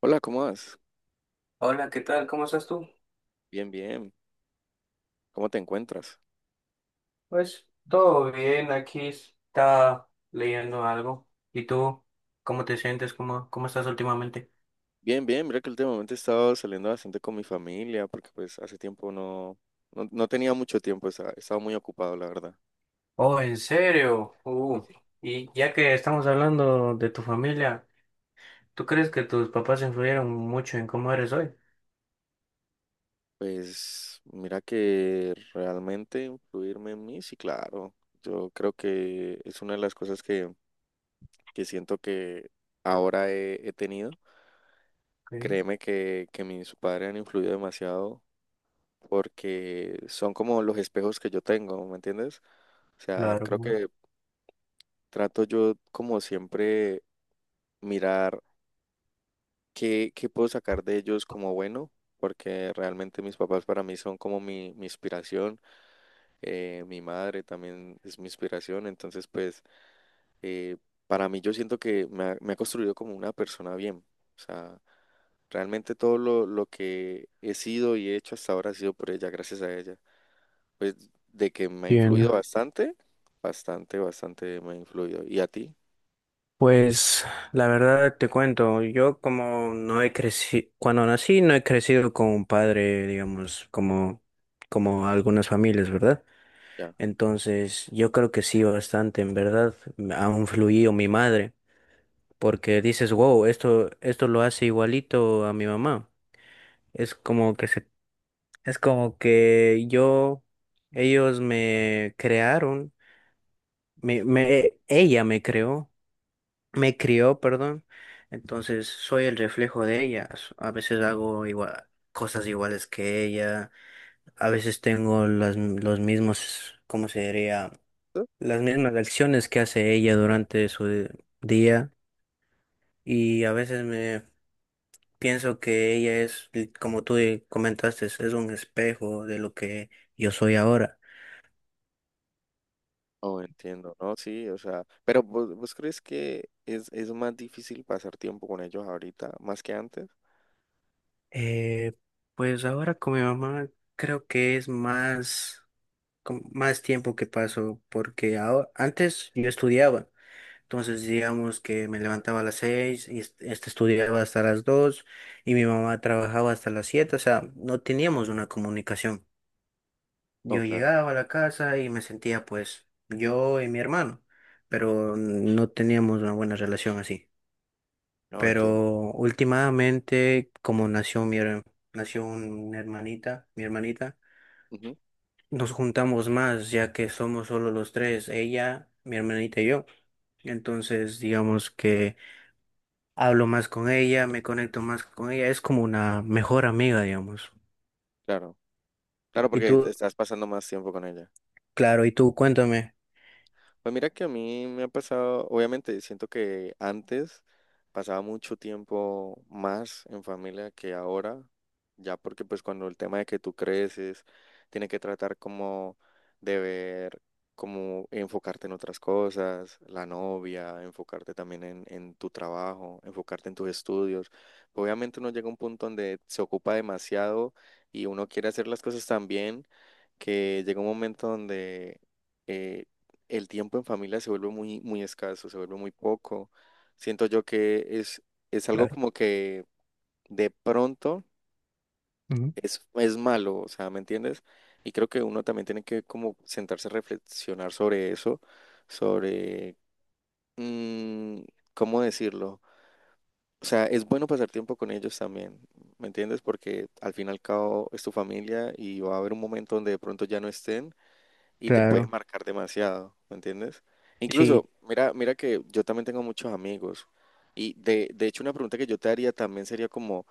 Hola, ¿cómo vas? Hola, ¿qué tal? ¿Cómo estás tú? Bien, bien. ¿Cómo te encuentras? Pues todo bien, aquí está leyendo algo. ¿Y tú? ¿Cómo te sientes? ¿Cómo estás últimamente? Bien, bien. Mira que últimamente he estado saliendo bastante con mi familia porque pues hace tiempo no tenía mucho tiempo, estaba muy ocupado, la verdad. Oh, ¿en serio? Sí, sí. Y ya que estamos hablando de tu familia, ¿tú crees que tus papás influyeron mucho en cómo eres hoy? Pues mira que realmente influirme en mí, sí, claro. Yo creo que es una de las cosas que siento que ahora he tenido. Sí, Créeme que mis padres han influido demasiado porque son como los espejos que yo tengo, ¿me entiendes? O sea, claro. creo ¿No? que trato yo, como siempre, mirar qué puedo sacar de ellos como bueno, porque realmente mis papás para mí son como mi inspiración, mi madre también es mi inspiración, entonces pues eh, para mí yo siento que me ha construido como una persona bien, o sea, realmente todo lo que he sido y he hecho hasta ahora ha sido por ella, gracias a ella, pues de que me ha Bien, influido bastante, bastante me ha influido. ¿Y a ti? pues la verdad te cuento, yo como no he crecido, cuando nací no he crecido con un padre, digamos, como algunas familias, ¿verdad? Ya. Entonces, yo creo que sí, bastante, en verdad, me ha influido mi madre, porque dices, wow, esto lo hace igualito a mi mamá. Es como que se, es como que yo, Ellos me crearon, ella me creó, me crió, perdón. Entonces, soy el reflejo de ella. A veces hago igual, cosas iguales que ella, a veces tengo los mismos, ¿cómo se diría? ¿Tú? Las mismas acciones que hace ella Ya. durante su día, y a veces me pienso que ella es, como tú comentaste, es un espejo de lo que yo soy ahora. Oh, entiendo, ¿no? Sí, o sea, pero ¿vos crees que es más difícil pasar tiempo con ellos ahorita, más que antes? Eh, pues ahora con mi mamá creo que es más, con más tiempo que paso porque ahora, antes yo estudiaba. Entonces digamos que me levantaba a las 6 y estudiaba hasta las 2, y mi mamá trabajaba hasta las 7, o sea, no teníamos una comunicación. Oh, Yo claro, llegaba a la casa y me sentía pues yo y mi hermano, pero no teníamos una buena relación así. no, entiendo. Pero últimamente, como nació una hermanita, mi hermanita, Ujú. nos juntamos más ya que somos solo los tres, ella, mi hermanita y yo. Entonces, digamos que hablo más con ella, me conecto más con ella, es como una mejor amiga, digamos. Claro, claro, Y porque tú, estás pasando más tiempo con ella. claro, y tú, cuéntame. Pues mira que a mí me ha pasado, obviamente siento que antes pasaba mucho tiempo más en familia que ahora, ya porque pues cuando el tema de que tú creces, tiene que tratar como de ver, como enfocarte en otras cosas, la novia, enfocarte también en tu trabajo, enfocarte en tus estudios. Obviamente uno llega a un punto donde se ocupa demasiado y uno quiere hacer las cosas también que llega un momento donde eh, el tiempo en familia se vuelve muy, muy escaso, se vuelve muy poco. Siento yo que es algo Claro. como que de pronto Ujú. Es malo, o sea, ¿me entiendes? Y creo que uno también tiene que como sentarse a reflexionar sobre eso, sobre, mm, ¿cómo decirlo? O sea, es bueno pasar tiempo con ellos también, ¿me entiendes? Porque al fin y al cabo es tu familia y va a haber un momento donde de pronto ya no estén y te puedes Claro, marcar demasiado, ¿me entiendes? sí. Incluso, mira, mira que yo también tengo muchos amigos y de hecho una pregunta que yo te haría también sería como,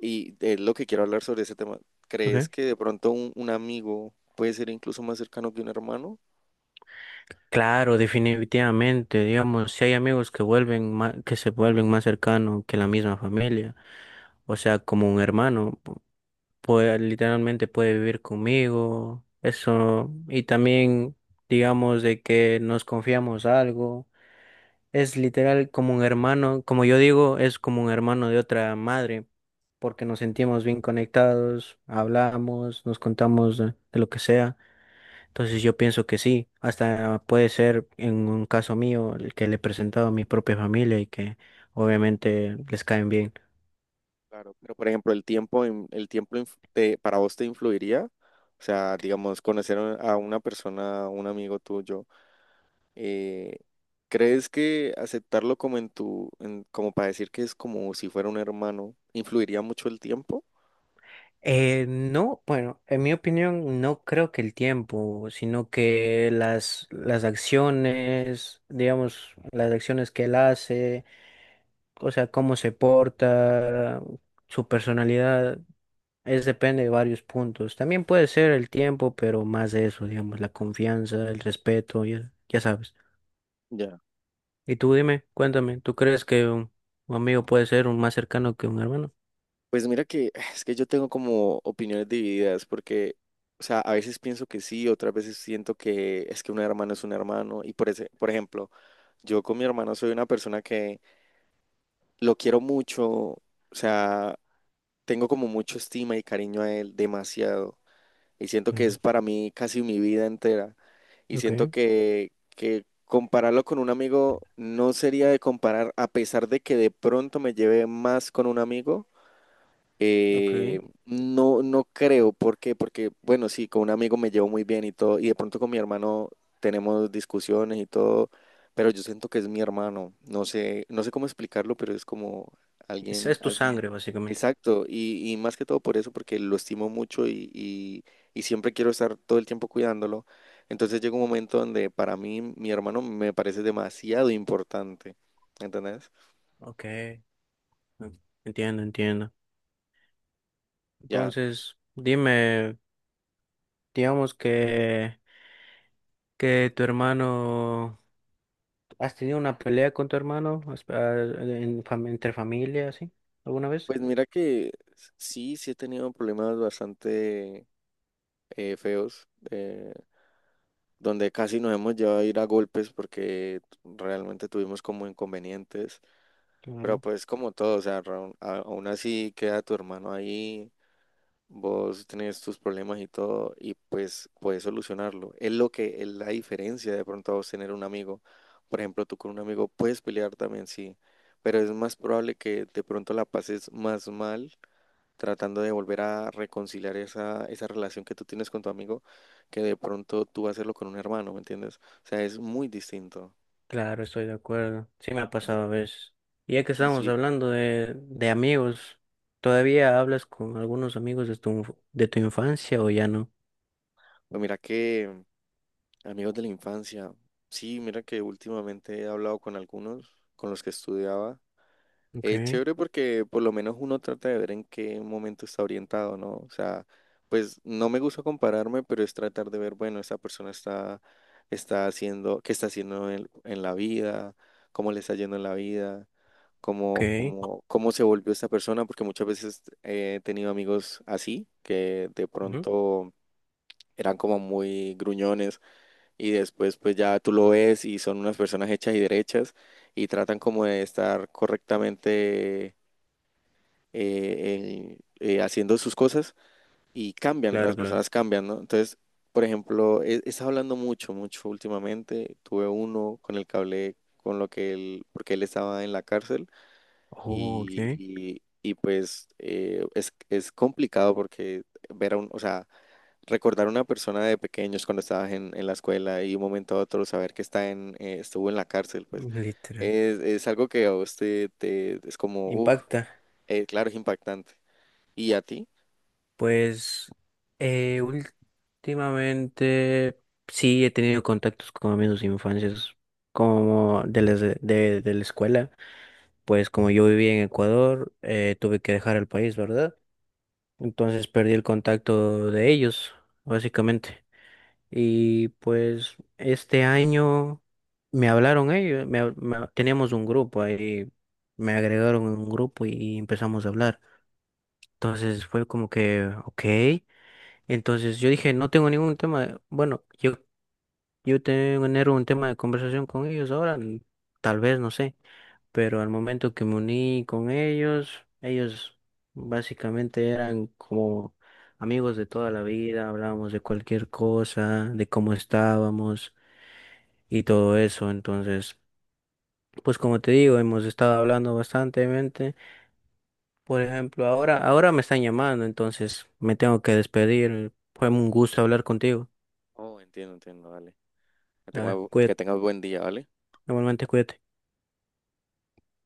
y es lo que quiero hablar sobre ese tema, ¿crees que de pronto un amigo puede ser incluso más cercano que un hermano? Claro, definitivamente, digamos, si hay amigos que se vuelven más cercanos que la misma familia, o sea, como un hermano, puede, literalmente puede vivir conmigo, eso, y también, digamos, de que nos confiamos algo, es literal como un hermano, como yo digo, es como un hermano de otra madre, porque nos sentimos bien conectados, hablamos, nos contamos de lo que sea. Entonces yo pienso que sí, hasta puede ser en un caso mío el que le he presentado a mi propia familia y que obviamente les caen bien. Claro. Pero por ejemplo, el tiempo, en- el tiempo inf- te- para vos te influiría, o sea, digamos, conocer a una persona, un amigo tuyo. Eh, ¿Crees que aceptarlo como en tu, como para decir que es como si fuera un hermano, influiría mucho el tiempo? No, bueno, en mi opinión no creo que el tiempo, sino que las acciones, digamos, las acciones que él hace, o sea, cómo se porta, su personalidad, es depende de varios puntos. También puede ser el tiempo, pero más de eso, digamos, la confianza, el respeto, ya, ya sabes. Ya, Y tú dime, cuéntame, ¿tú crees que un amigo puede ser un más cercano que un hermano? pues mira que es que yo tengo como opiniones divididas porque, o sea, a veces pienso que sí, otras veces siento que es que un hermano es un hermano y por ese, por ejemplo, yo con mi hermano soy una persona que lo quiero mucho, o sea, tengo como mucho estima y cariño a él, demasiado. Y siento que es Claro. para mí casi mi vida entera. Y Ok. siento que compararlo con un amigo no sería de comparar, a pesar de que de pronto me lleve más con un amigo. Ok. No creo, ¿por qué? Porque, bueno, sí, con un amigo me llevo muy bien y todo, y de pronto con mi hermano tenemos discusiones y todo, pero yo siento que es mi hermano, no sé, no sé cómo explicarlo, pero es como Es tu sangre, alguien, básicamente. exacto, y más que todo por eso, porque lo estimo mucho y y siempre quiero estar todo el tiempo cuidándolo, entonces llega un momento donde para mí mi hermano me parece demasiado importante, ¿entendés? Ok. Mm, entiendo, entiendo. Ya. Entonces, dime, digamos que tu hermano, ¿has tenido una pelea con tu hermano? ¿En entre familia, así, alguna vez? Pues mira que sí, sí he tenido problemas bastante feos, donde casi nos hemos llevado a ir a golpes porque realmente tuvimos como inconvenientes, pero Claro. pues como todo, o sea, aún así queda tu hermano ahí, vos tenés tus problemas y todo, y pues puedes solucionarlo. Es lo que es la diferencia de pronto a vos tener un amigo. Por ejemplo, tú con un amigo puedes pelear también, sí, pero es más probable que de pronto la pases más mal tratando de volver a reconciliar esa, esa relación que tú tienes con tu amigo, que de pronto tú hacerlo con un hermano, ¿me entiendes? O sea, es muy distinto. Claro, estoy de acuerdo. Sí me ha pasado a veces. Y ya que Y estamos sí, hablando de amigos, ¿todavía hablas con algunos amigos de de tu infancia o ya no? pues mira que amigos de la infancia, sí, mira que últimamente he hablado con algunos con los que estudiaba. Ok, Es chévere porque por lo menos uno trata de ver en qué momento está orientado, ¿no? O sea, pues no me gusta compararme, pero es tratar de ver, bueno, esta persona está haciendo, qué está haciendo en la vida, cómo le está yendo en la vida, ok. Cómo se volvió esta persona, porque muchas veces he tenido amigos así, que de Ujú. pronto eran como muy gruñones y después pues ya tú lo ves y son unas personas hechas y derechas y tratan como de estar correctamente eh, eh, haciendo sus cosas y cambian, Claro, las claro. personas cambian, ¿no? Entonces, por ejemplo, he estado hablando mucho, mucho últimamente. Tuve uno con el que hablé con lo que él, porque él estaba en la cárcel Oh, y, ok. y- pues es complicado porque ver a un, o sea, recordar a una persona de pequeños cuando estabas en la escuela y de un momento a otro saber que está estuvo en la cárcel, pues Literal. Es algo que a usted es como, uff, Impacta. claro, es impactante. ¿Y a ti? Pues últimamente sí he tenido contactos con amigos de infancias como de la escuela. Pues como yo viví en Ecuador, tuve que dejar el país, ¿verdad? Entonces perdí el contacto de ellos, básicamente. Y pues este año me hablaron ellos, teníamos un grupo ahí, me agregaron en un grupo y empezamos a hablar. Entonces fue como que, ok, entonces yo dije, no tengo ningún tema, bueno, yo tener un tema de conversación con ellos ahora, tal vez, no sé, pero al momento que me uní con ellos, ellos básicamente eran como amigos de toda la vida, hablábamos de cualquier cosa, de cómo estábamos y todo eso. Entonces, pues como te digo, hemos estado hablando bastantemente. Por ejemplo, ahora me están llamando, entonces me tengo que despedir. Fue un gusto hablar contigo. Oh, entiendo, entiendo, vale. Que Ah, que cuídate, tengas buen día, ¿vale? normalmente cuídate.